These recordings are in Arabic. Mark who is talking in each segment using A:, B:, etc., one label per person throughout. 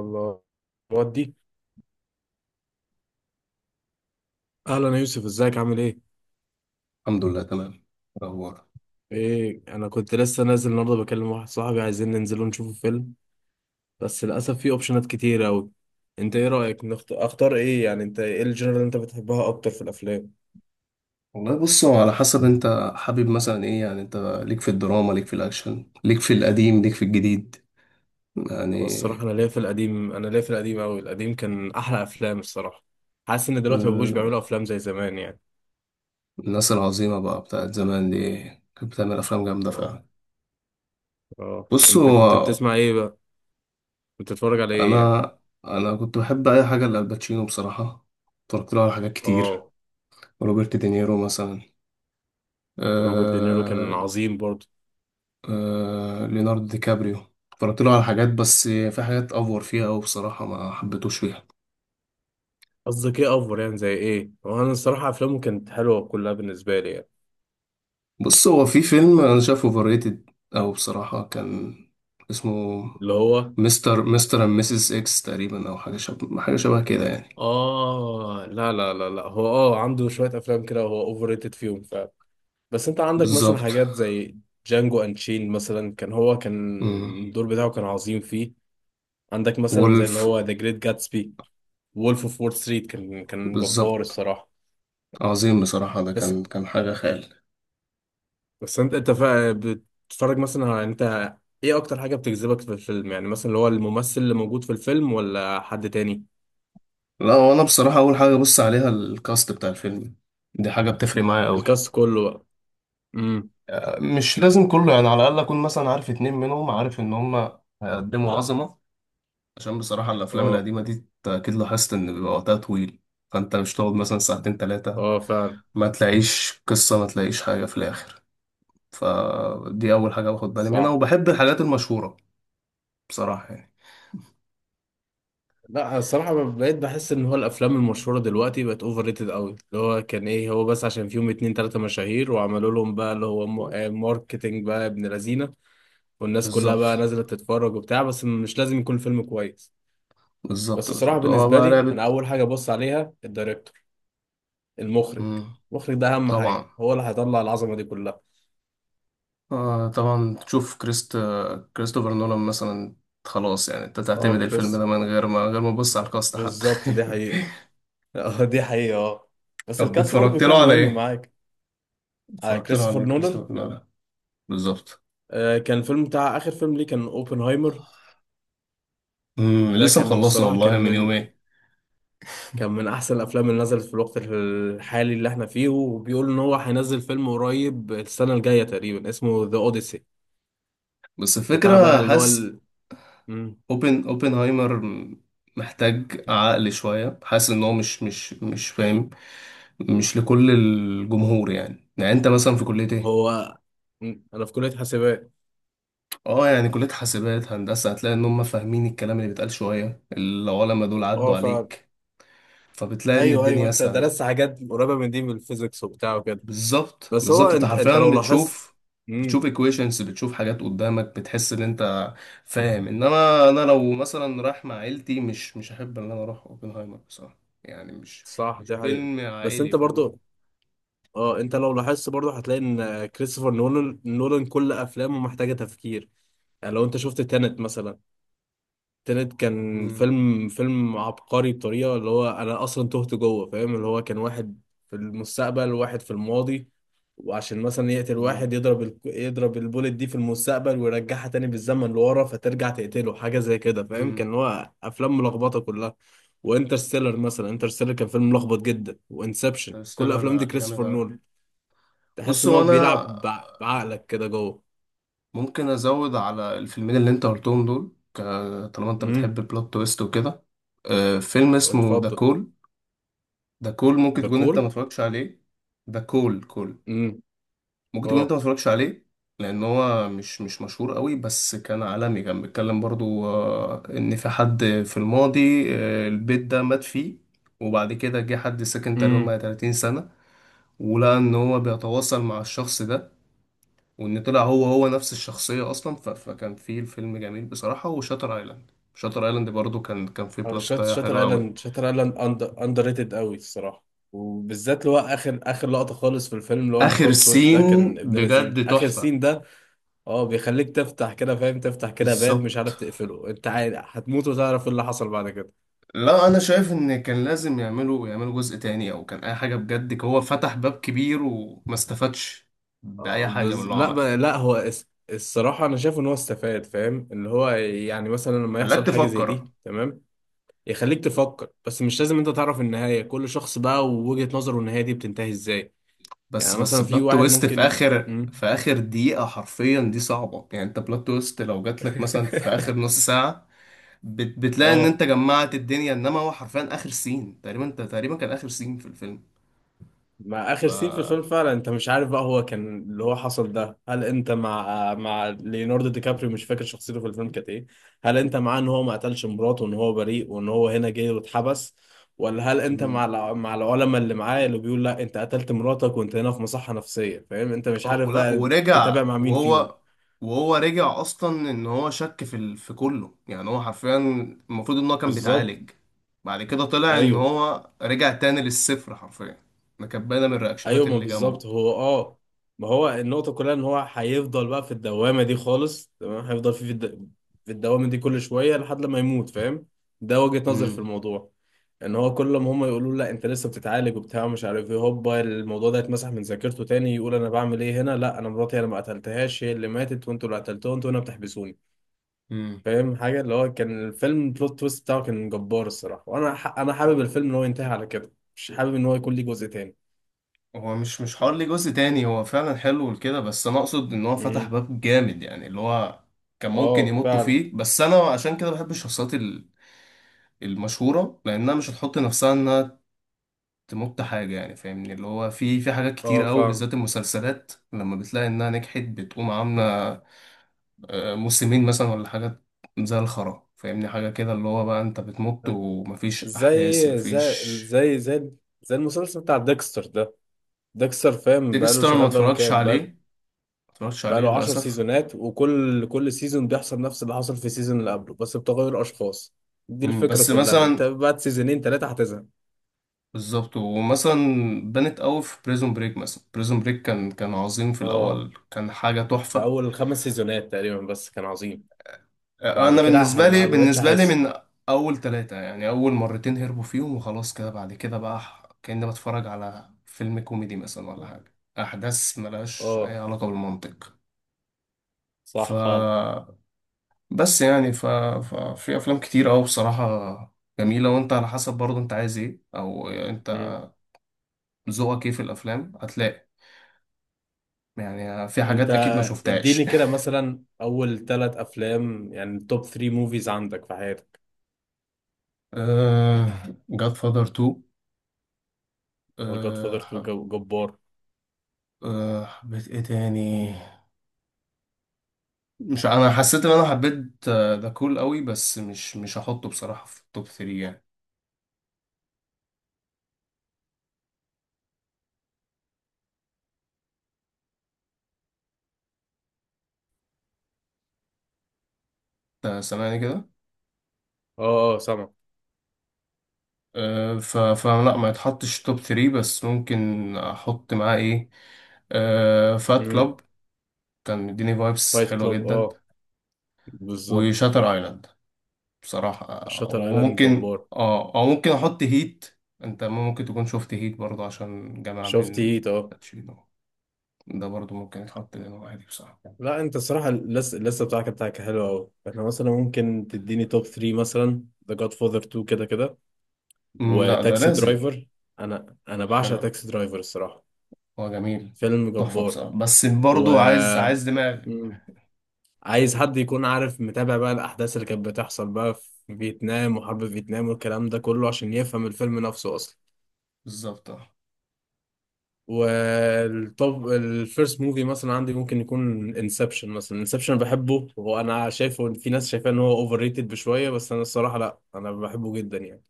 A: الله ودي. اهلا يا يوسف، ازيك؟ عامل ايه؟
B: الحمد لله تمام. إيه الاخبار؟
A: ايه، انا كنت لسه نازل النهارده بكلم واحد صاحبي، عايزين ننزل نشوف فيلم. بس للاسف في اوبشنات كتير قوي. انت ايه رايك؟ اختار ايه يعني؟ انت ايه الجنرال اللي انت بتحبها اكتر في الافلام؟
B: والله بص هو على حسب انت حابب مثلا ايه، يعني انت ليك في الدراما، ليك في الاكشن، ليك في القديم، ليك في الجديد
A: هو
B: يعني.
A: الصراحه انا ليا في القديم قوي. القديم كان احلى افلام الصراحه. حاسس ان دلوقتي ما بقوش
B: آه،
A: بيعملوا افلام زي زمان يعني.
B: الناس العظيمة بقى بتاعت زمان دي كانت بتعمل افلام جامدة
A: اه.
B: فعلا.
A: اه،
B: بص
A: انت كنت
B: هو
A: بتسمع ايه بقى؟ كنت بتتفرج على ايه يعني؟
B: انا انا كنت بحب اي حاجة لالباتشينو بصراحة. اتفرجت له على حاجات كتير.
A: اه.
B: روبرت دينيرو مثلا.
A: روبرت دينيرو كان
B: آه.
A: عظيم برضه.
B: آه، ليوناردو دي كابريو. اتفرجت له على حاجات، بس في حاجات افور فيها أوي بصراحة، ما حبيتوش فيها.
A: قصدك ايه افور يعني؟ زي ايه؟ وانا الصراحه افلامه كانت حلوه كلها بالنسبه لي يعني.
B: بص هو في فيلم انا شايفه اوفر ريتد او بصراحه كان اسمه
A: اللي هو
B: مستر اند ميسيس اكس تقريبا، او حاجه شبه كده يعني.
A: اه. لا لا لا لا، هو عنده شويه افلام كده هو اوفر ريتد فيهم فعلا. بس انت عندك مثلا
B: بالظبط.
A: حاجات زي جانجو انشين مثلا، كان هو كان
B: امم.
A: الدور بتاعه كان عظيم فيه. عندك مثلا زي اللي
B: وولف.
A: هو ذا جريت جاتسبي، وولف اوف وول ستريت، كان كان جبار
B: بالظبط،
A: الصراحه.
B: عظيم بصراحه، ده
A: بس
B: كان حاجه خيال.
A: بس بتتفرج مثلا على انت ايه اكتر حاجه بتجذبك في الفيلم يعني؟ مثلا اللي هو الممثل اللي موجود في الفيلم ولا حد تاني؟
B: لا، وانا بصراحه اول حاجه ابص عليها الكاست بتاع الفيلم. دي حاجه بتفرق معايا قوي.
A: الكاست كله بقى. امم
B: مش لازم كله يعني، على الاقل اكون مثلا عارف اتنين منهم، عارف ان هما هيقدموا عظمه. عشان بصراحة الأفلام
A: اه.
B: القديمة دي أنت أكيد لاحظت إن بيبقى وقتها طويل. فأنت مش تقعد مثلا ساعتين تلاتة
A: اه فعلا.
B: ما تلاقيش قصة، ما تلاقيش حاجة في الآخر. فدي أول حاجة باخد بالي منها،
A: صح.
B: وبحب الحاجات المشهورة بصراحة يعني.
A: لا الصراحة بقيت بحس ان هو الافلام المشهورة دلوقتي بقت اوفر ريتد قوي، اللي هو كان ايه، هو بس عشان فيهم اتنين تلاتة مشاهير وعملوا لهم بقى اللي هو ماركتينج بقى ابن لذينة، والناس كلها بقى
B: بالظبط،
A: نازلة تتفرج وبتاع، بس مش لازم يكون الفيلم كويس.
B: بالظبط
A: بس الصراحة
B: بالظبط، هو
A: بالنسبة
B: بقى
A: لي
B: لعبة.
A: انا اول حاجة ببص عليها الدايركتور، المخرج.
B: مم.
A: المخرج ده اهم
B: طبعا.
A: حاجة، هو اللي هيطلع العظمة دي كلها.
B: آه طبعا، تشوف كريستوفر نولان مثلا. خلاص يعني أنت
A: اه
B: تعتمد الفيلم ده
A: كريستوفر.
B: من غير ما تبص على الكاست حتى.
A: بالظبط، دي حقيقة. اه دي حقيقة اه. بس
B: طب
A: الكاست برضه
B: اتفرجت
A: بيكون
B: له على
A: مهم
B: إيه؟
A: معاك. آه
B: اتفرجت له على
A: كريستوفر
B: إيه
A: نولان.
B: كريستوفر نولان؟ بالظبط.
A: آه، كان الفيلم بتاع آخر فيلم ليه كان اوبنهايمر. ده
B: لسه
A: كان
B: مخلصه
A: الصراحة كان
B: والله من
A: من
B: يومين.
A: كان من أحسن الأفلام اللي نزلت في الوقت الحالي اللي احنا فيه، وبيقول إن هو هينزل فيلم قريب السنة الجاية تقريبا اسمه ذا أوديسي.
B: بس
A: بتاع بقى
B: الفكرة حاسس
A: مم.
B: اوبنهايمر محتاج عقل شوية. حاسس ان هو مش فاهم. مش لكل الجمهور يعني انت مثلا في كلية ايه؟
A: هو مم. أنا في كلية حاسبات.
B: اه يعني كلية حاسبات هندسة هتلاقي ان هم فاهمين الكلام اللي بيتقال، شوية العلماء دول
A: اه
B: عدوا
A: ف
B: عليك. فبتلاقي ان
A: أيوه أيوه،
B: الدنيا
A: أنت
B: اسهل.
A: درست حاجات قريبة من دي من الفيزيكس وبتاع وكده.
B: بالظبط
A: بس هو
B: بالظبط، انت
A: أنت أنت
B: حرفيا
A: لو لاحظت
B: بتشوف.
A: مم.
B: بتشوف equations، بتشوف حاجات قدامك، بتحس ان انت فاهم. انما انا لو مثلا رايح مع عيلتي مش هحب ان انا اروح اوبنهايمر بصراحة. يعني مش
A: صح
B: مش
A: دي حقيقة.
B: فيلم
A: بس
B: عائلي
A: انت
B: فاهمني.
A: برضو اه، انت لو لاحظت برضو هتلاقي ان كريستوفر نولان كل افلامه محتاجة تفكير. يعني لو انت شفت تانت مثلا، التالت كان
B: امم.
A: فيلم عبقري بطريقة اللي هو أنا أصلا تهت جوه. فاهم، اللي هو كان واحد في المستقبل وواحد في الماضي، وعشان مثلا يقتل واحد
B: امم.
A: يضرب يضرب البوليت دي في المستقبل ويرجعها تاني بالزمن لورا فترجع تقتله، حاجة زي كده فاهم؟
B: امم.
A: كان هو أفلام ملخبطة كلها. وانترستيلر مثلا، انترستيلر كان فيلم ملخبط جدا، وانسبشن، كل
B: انترستيلر
A: الأفلام دي
B: جامد
A: كريستوفر
B: اوي.
A: نولان. تحس
B: بص
A: إن
B: هو
A: هو
B: انا
A: بيلعب بعقلك كده جوه.
B: ممكن ازود على الفيلمين اللي انت قلتهم دول، طالما انت بتحب
A: امم.
B: البلوت تويست وكده. آه، فيلم اسمه ذا
A: اتفضل.
B: كول. ذا كول ممكن
A: ذا
B: تكون انت ما
A: كول.
B: اتفرجتش عليه. ده كول كول،
A: امم.
B: ممكن تكون انت
A: اه.
B: ما اتفرجتش عليه لان هو مش مشهور قوي، بس كان عالمي. كان بيتكلم برضو آه، ان في حد في الماضي، آه، البيت ده مات فيه. وبعد كده جه حد ساكن تقريبا بقى
A: امم.
B: 30 سنة، ولقى ان هو بيتواصل مع الشخص ده، وان طلع هو هو نفس الشخصية اصلا. فكان في الفيلم جميل بصراحة. وشاتر ايلاند، شاتر ايلاند برضو كان فيه
A: أو
B: بلوت
A: شات شاتر
B: حلو قوي.
A: ايلاند شاتر ايلاند اندر ريتد قوي الصراحه. وبالذات اللي هو اخر لقطه خالص في الفيلم، اللي هو
B: اخر
A: البلوت تويست ده
B: سين
A: كان ابن لذين
B: بجد
A: اخر
B: تحفة.
A: سين ده. اه بيخليك تفتح كده، فاهم، تفتح كده باب مش عارف
B: بالظبط.
A: تقفله، انت عارف هتموت وتعرف ايه اللي حصل بعد كده.
B: لا، انا شايف ان كان لازم يعملوا جزء تاني او كان اي حاجه بجد. هو فتح باب كبير وما استفادش
A: آه،
B: باي حاجه من
A: بز...
B: اللي هو
A: لا ب...
B: عملها.
A: لا هو اس... الصراحه انا شايف ان هو استفاد. فاهم، اللي هو يعني مثلا لما
B: خلاك
A: يحصل حاجه زي
B: تفكر.
A: دي تمام، يخليك تفكر، بس مش لازم انت تعرف النهايه. كل شخص بقى ووجهه نظره النهايه دي بتنتهي ازاي.
B: بس
A: يعني
B: بس
A: مثلا في
B: بلوت
A: واحد
B: تويست في
A: ممكن
B: اخر
A: مم.
B: في اخر دقيقه حرفيا دي صعبه. يعني انت بلوت تويست لو جات لك مثلا في اخر نص ساعه، بتلاقي ان
A: اه،
B: انت جمعت الدنيا. انما هو حرفيا اخر سين تقريبا، انت تقريبا كان اخر سين في الفيلم.
A: مع
B: ف
A: اخر سين في الفيلم فعلا، انت مش عارف بقى هو كان اللي هو حصل ده، هل انت مع ليوناردو دي كابريو، مش فاكر شخصيته في الفيلم كانت ايه، هل انت معاه ان هو ما قتلش مراته وان هو بريء وان هو هنا جه واتحبس، ولا هل انت مع
B: مم.
A: العلماء اللي معاه اللي بيقول لا انت قتلت مراتك وانت هنا في مصحة نفسية؟ فاهم، انت مش
B: اه،
A: عارف
B: ولا
A: بقى تتابع
B: ورجع
A: مع مين فيهم.
B: وهو رجع اصلا ان هو شك في كله يعني. هو حرفيا المفروض ان هو كان
A: بالظبط.
B: بيتعالج. بعد كده طلع ان
A: ايوه
B: هو رجع تاني للصفر حرفيا. ده كانت باينه من الرياكشنات
A: ايوه، ما
B: اللي جنبه.
A: بالظبط هو اه، ما هو النقطة كلها ان هو هيفضل بقى في الدوامة دي خالص. تمام، هيفضل في الدوامة دي كل شوية لحد لما يموت فاهم. ده وجهة نظر في
B: امم.
A: الموضوع. ان هو كل ما هم يقولوا له لا انت لسه بتتعالج وبتاع مش عارف ايه، هوبا الموضوع ده يتمسح من ذاكرته تاني يقول انا بعمل ايه هنا، لا انا مراتي انا ما قتلتهاش، هي اللي ماتت وانتوا اللي قتلتوها وانتوا هنا بتحبسوني.
B: امم.
A: فاهم، حاجة اللي هو كان الفيلم بلوت تويست بتاعه كان جبار الصراحة. انا حابب الفيلم ان هو ينتهي على كده، مش حابب ان هو يكون ليه جزء تاني.
B: هو مش حوار ليه جزء تاني، هو فعلا حلو لكده. بس انا اقصد ان هو فتح
A: امم.
B: باب جامد يعني اللي هو كان ممكن
A: اه
B: يمطوا
A: فعلا.
B: فيه. بس انا عشان كده بحب الشخصيات المشهوره، لانها مش هتحط نفسها انها تمط حاجة يعني. فاهمني اللي هو في حاجات كتير
A: اه
B: قوي
A: فاهم.
B: بالذات المسلسلات، لما بتلاقي إنها نجحت بتقوم عاملة آه، موسمين مثلا ولا حاجات زي الخرا. فاهمني حاجة كده اللي هو بقى أنت بتمط ومفيش أحداث،
A: زي زي
B: مفيش.
A: زي زي زي المسلسل بتاع ديكستر ده. ديكستر فاهم بقاله
B: ديكستر ما
A: شغال، بقاله
B: اتفرجتش
A: كام،
B: عليه
A: بقاله
B: ما اتفرجتش عليه
A: بقاله 10
B: للأسف.
A: سيزونات، وكل كل سيزون بيحصل نفس اللي حصل في السيزون اللي قبله بس بتغير اشخاص. دي
B: مم،
A: الفكرة
B: بس
A: كلها، انت
B: مثلا
A: بعد سيزونين ثلاثة هتزهق.
B: بالظبط. ومثلا بنت قوي في بريزون بريك مثلا. بريزون بريك كان عظيم في
A: اه،
B: الأول، كان حاجة
A: في
B: تحفة.
A: اول خمس سيزونات تقريبا بس كان عظيم.
B: آه،
A: بعد
B: انا
A: كده
B: بالنسبه لي
A: ما بقتش
B: بالنسبه لي
A: احس.
B: من اول ثلاثه يعني اول مرتين هربوا فيهم وخلاص كده. بعد كده بقى كاني بتفرج على فيلم كوميدي مثلا ولا حاجه، احداث ملهاش اي
A: اه
B: علاقه بالمنطق. ف
A: صح فعلا.
B: بس يعني ففي افلام كتير قوي بصراحه جميله. وانت على حسب برضه انت عايز ايه، او انت
A: مم.
B: ذوقك ايه في الافلام، هتلاقي يعني في
A: انت
B: حاجات اكيد ما
A: اديني
B: شفتهاش.
A: كده مثلا اول ثلاث افلام، يعني توب 3 موفيز عندك في حياتك.
B: أه... جاد فادر 2.
A: اه جاد
B: أه...
A: فاذر 2
B: حب...
A: جبار.
B: حبيت ايه تاني؟ مش انا حسيت ان انا حبيت ذا كول قوي، بس مش هحطه بصراحة في التوب 3 يعني. انت سامعني كده؟
A: اه اه سامع.
B: أه، ف فلا، ما يتحطش توب 3. بس ممكن احط معاه ايه؟ أه، فات
A: امم.
B: كلاب. كان مديني فايبس
A: فايت
B: حلوة
A: كلاب
B: جدا.
A: اه. بالظبط.
B: وشاتر ايلاند بصراحة.
A: شاتر ايلاند
B: وممكن
A: جبار.
B: او ممكن احط هيت. انت ممكن تكون شفت هيت برضه، عشان جمع
A: شفت
B: بين
A: هيت اه.
B: باتشينو. ده برضه ممكن يتحط لانه عادي بصراحة.
A: لا انت الصراحه اللسه اللسه بتاعك بتاعك حلوه قوي. احنا مثلا ممكن تديني توب 3 مثلا، ذا جاد فاذر 2 كده كده،
B: لا ده
A: وتاكسي
B: لازم.
A: درايفر. انا بعشق
B: حلو.
A: تاكسي درايفر الصراحه،
B: هو جميل.
A: فيلم
B: تحفة
A: جبار.
B: بصراحة، بس
A: و
B: برضو عايز دماغ.
A: مم. عايز حد يكون عارف متابع بقى الأحداث اللي كانت بتحصل بقى في فيتنام وحرب فيتنام والكلام ده كله عشان يفهم الفيلم نفسه أصلا.
B: بالظبط. اه،
A: والطب الفيرست موفي مثلا عندي ممكن يكون انسبشن مثلا. انسبشن بحبه، وانا شايفه ان في ناس شايفاه ان هو اوفر ريتد بشويه، بس انا الصراحه لا انا بحبه جدا يعني.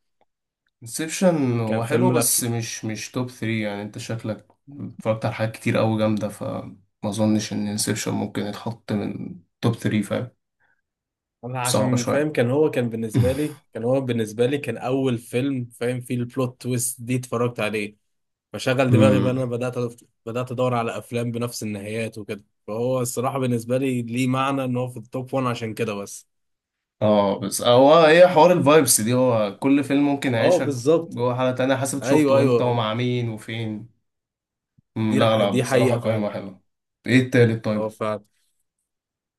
B: انسبشن
A: كان
B: هو حلو
A: فيلم
B: بس
A: القفل.
B: مش توب 3 يعني. انت شكلك اتفرجت على حاجات كتير قوي جامدة، فما اظنش ان انسبشن ممكن يتحط من توب 3 فاهم.
A: انا
B: صعبة
A: عشان فاهم
B: شوية.
A: كان هو كان بالنسبه لي كان هو بالنسبه لي كان اول فيلم فاهم فيه البلوت تويست دي اتفرجت عليه. فشغل دماغي بقى.
B: امم.
A: انا بدات بدات ادور على افلام بنفس النهايات وكده، فهو الصراحه بالنسبه لي ليه معنى ان هو في التوب 1 عشان كده بس.
B: اه، بس هو ايه حوار الفايبس دي؟ هو كل فيلم ممكن
A: اه
B: يعيشك
A: بالظبط.
B: جوه حالة تانية حسب
A: ايوه
B: شفته امتى
A: ايوه.
B: ومع مين وفين. مم، لا لا،
A: دي
B: بصراحة
A: حقيقه
B: قايمة
A: فعلا.
B: حلوة. ايه التالت طيب؟
A: اه فعلا.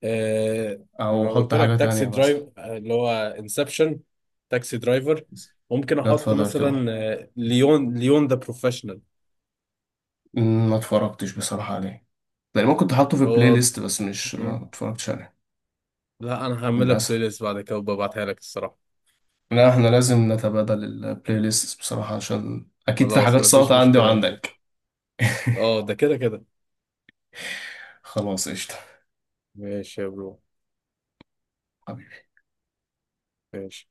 A: آه
B: او
A: ما
B: حط
A: قلت
B: حاجة
A: لك تاكسي
B: تانية
A: درايف،
B: مثلا.
A: آه، اللي هو انسبشن، تاكسي درايفر. ممكن
B: جاد
A: احط
B: فاذر 2.
A: مثلا آه، ليون ذا بروفيشنال.
B: مم، ما اتفرجتش بصراحة عليه. يعني ممكن تحطه في بلاي
A: هو
B: ليست، بس مش ما
A: مم.
B: اتفرجتش عليه
A: لا انا هعمل لك بلاي
B: للأسف.
A: ليست بعد كده وببعتها لك الصراحه.
B: لا، احنا لازم نتبادل البلاي ليست بصراحة، عشان أكيد في
A: خلاص
B: حاجات
A: ما فيش
B: ساقطة عندي
A: مشكله يا برو.
B: وعندك.
A: اه ده كده كده.
B: خلاص قشطة.
A: ماشي يا برو. ماشي.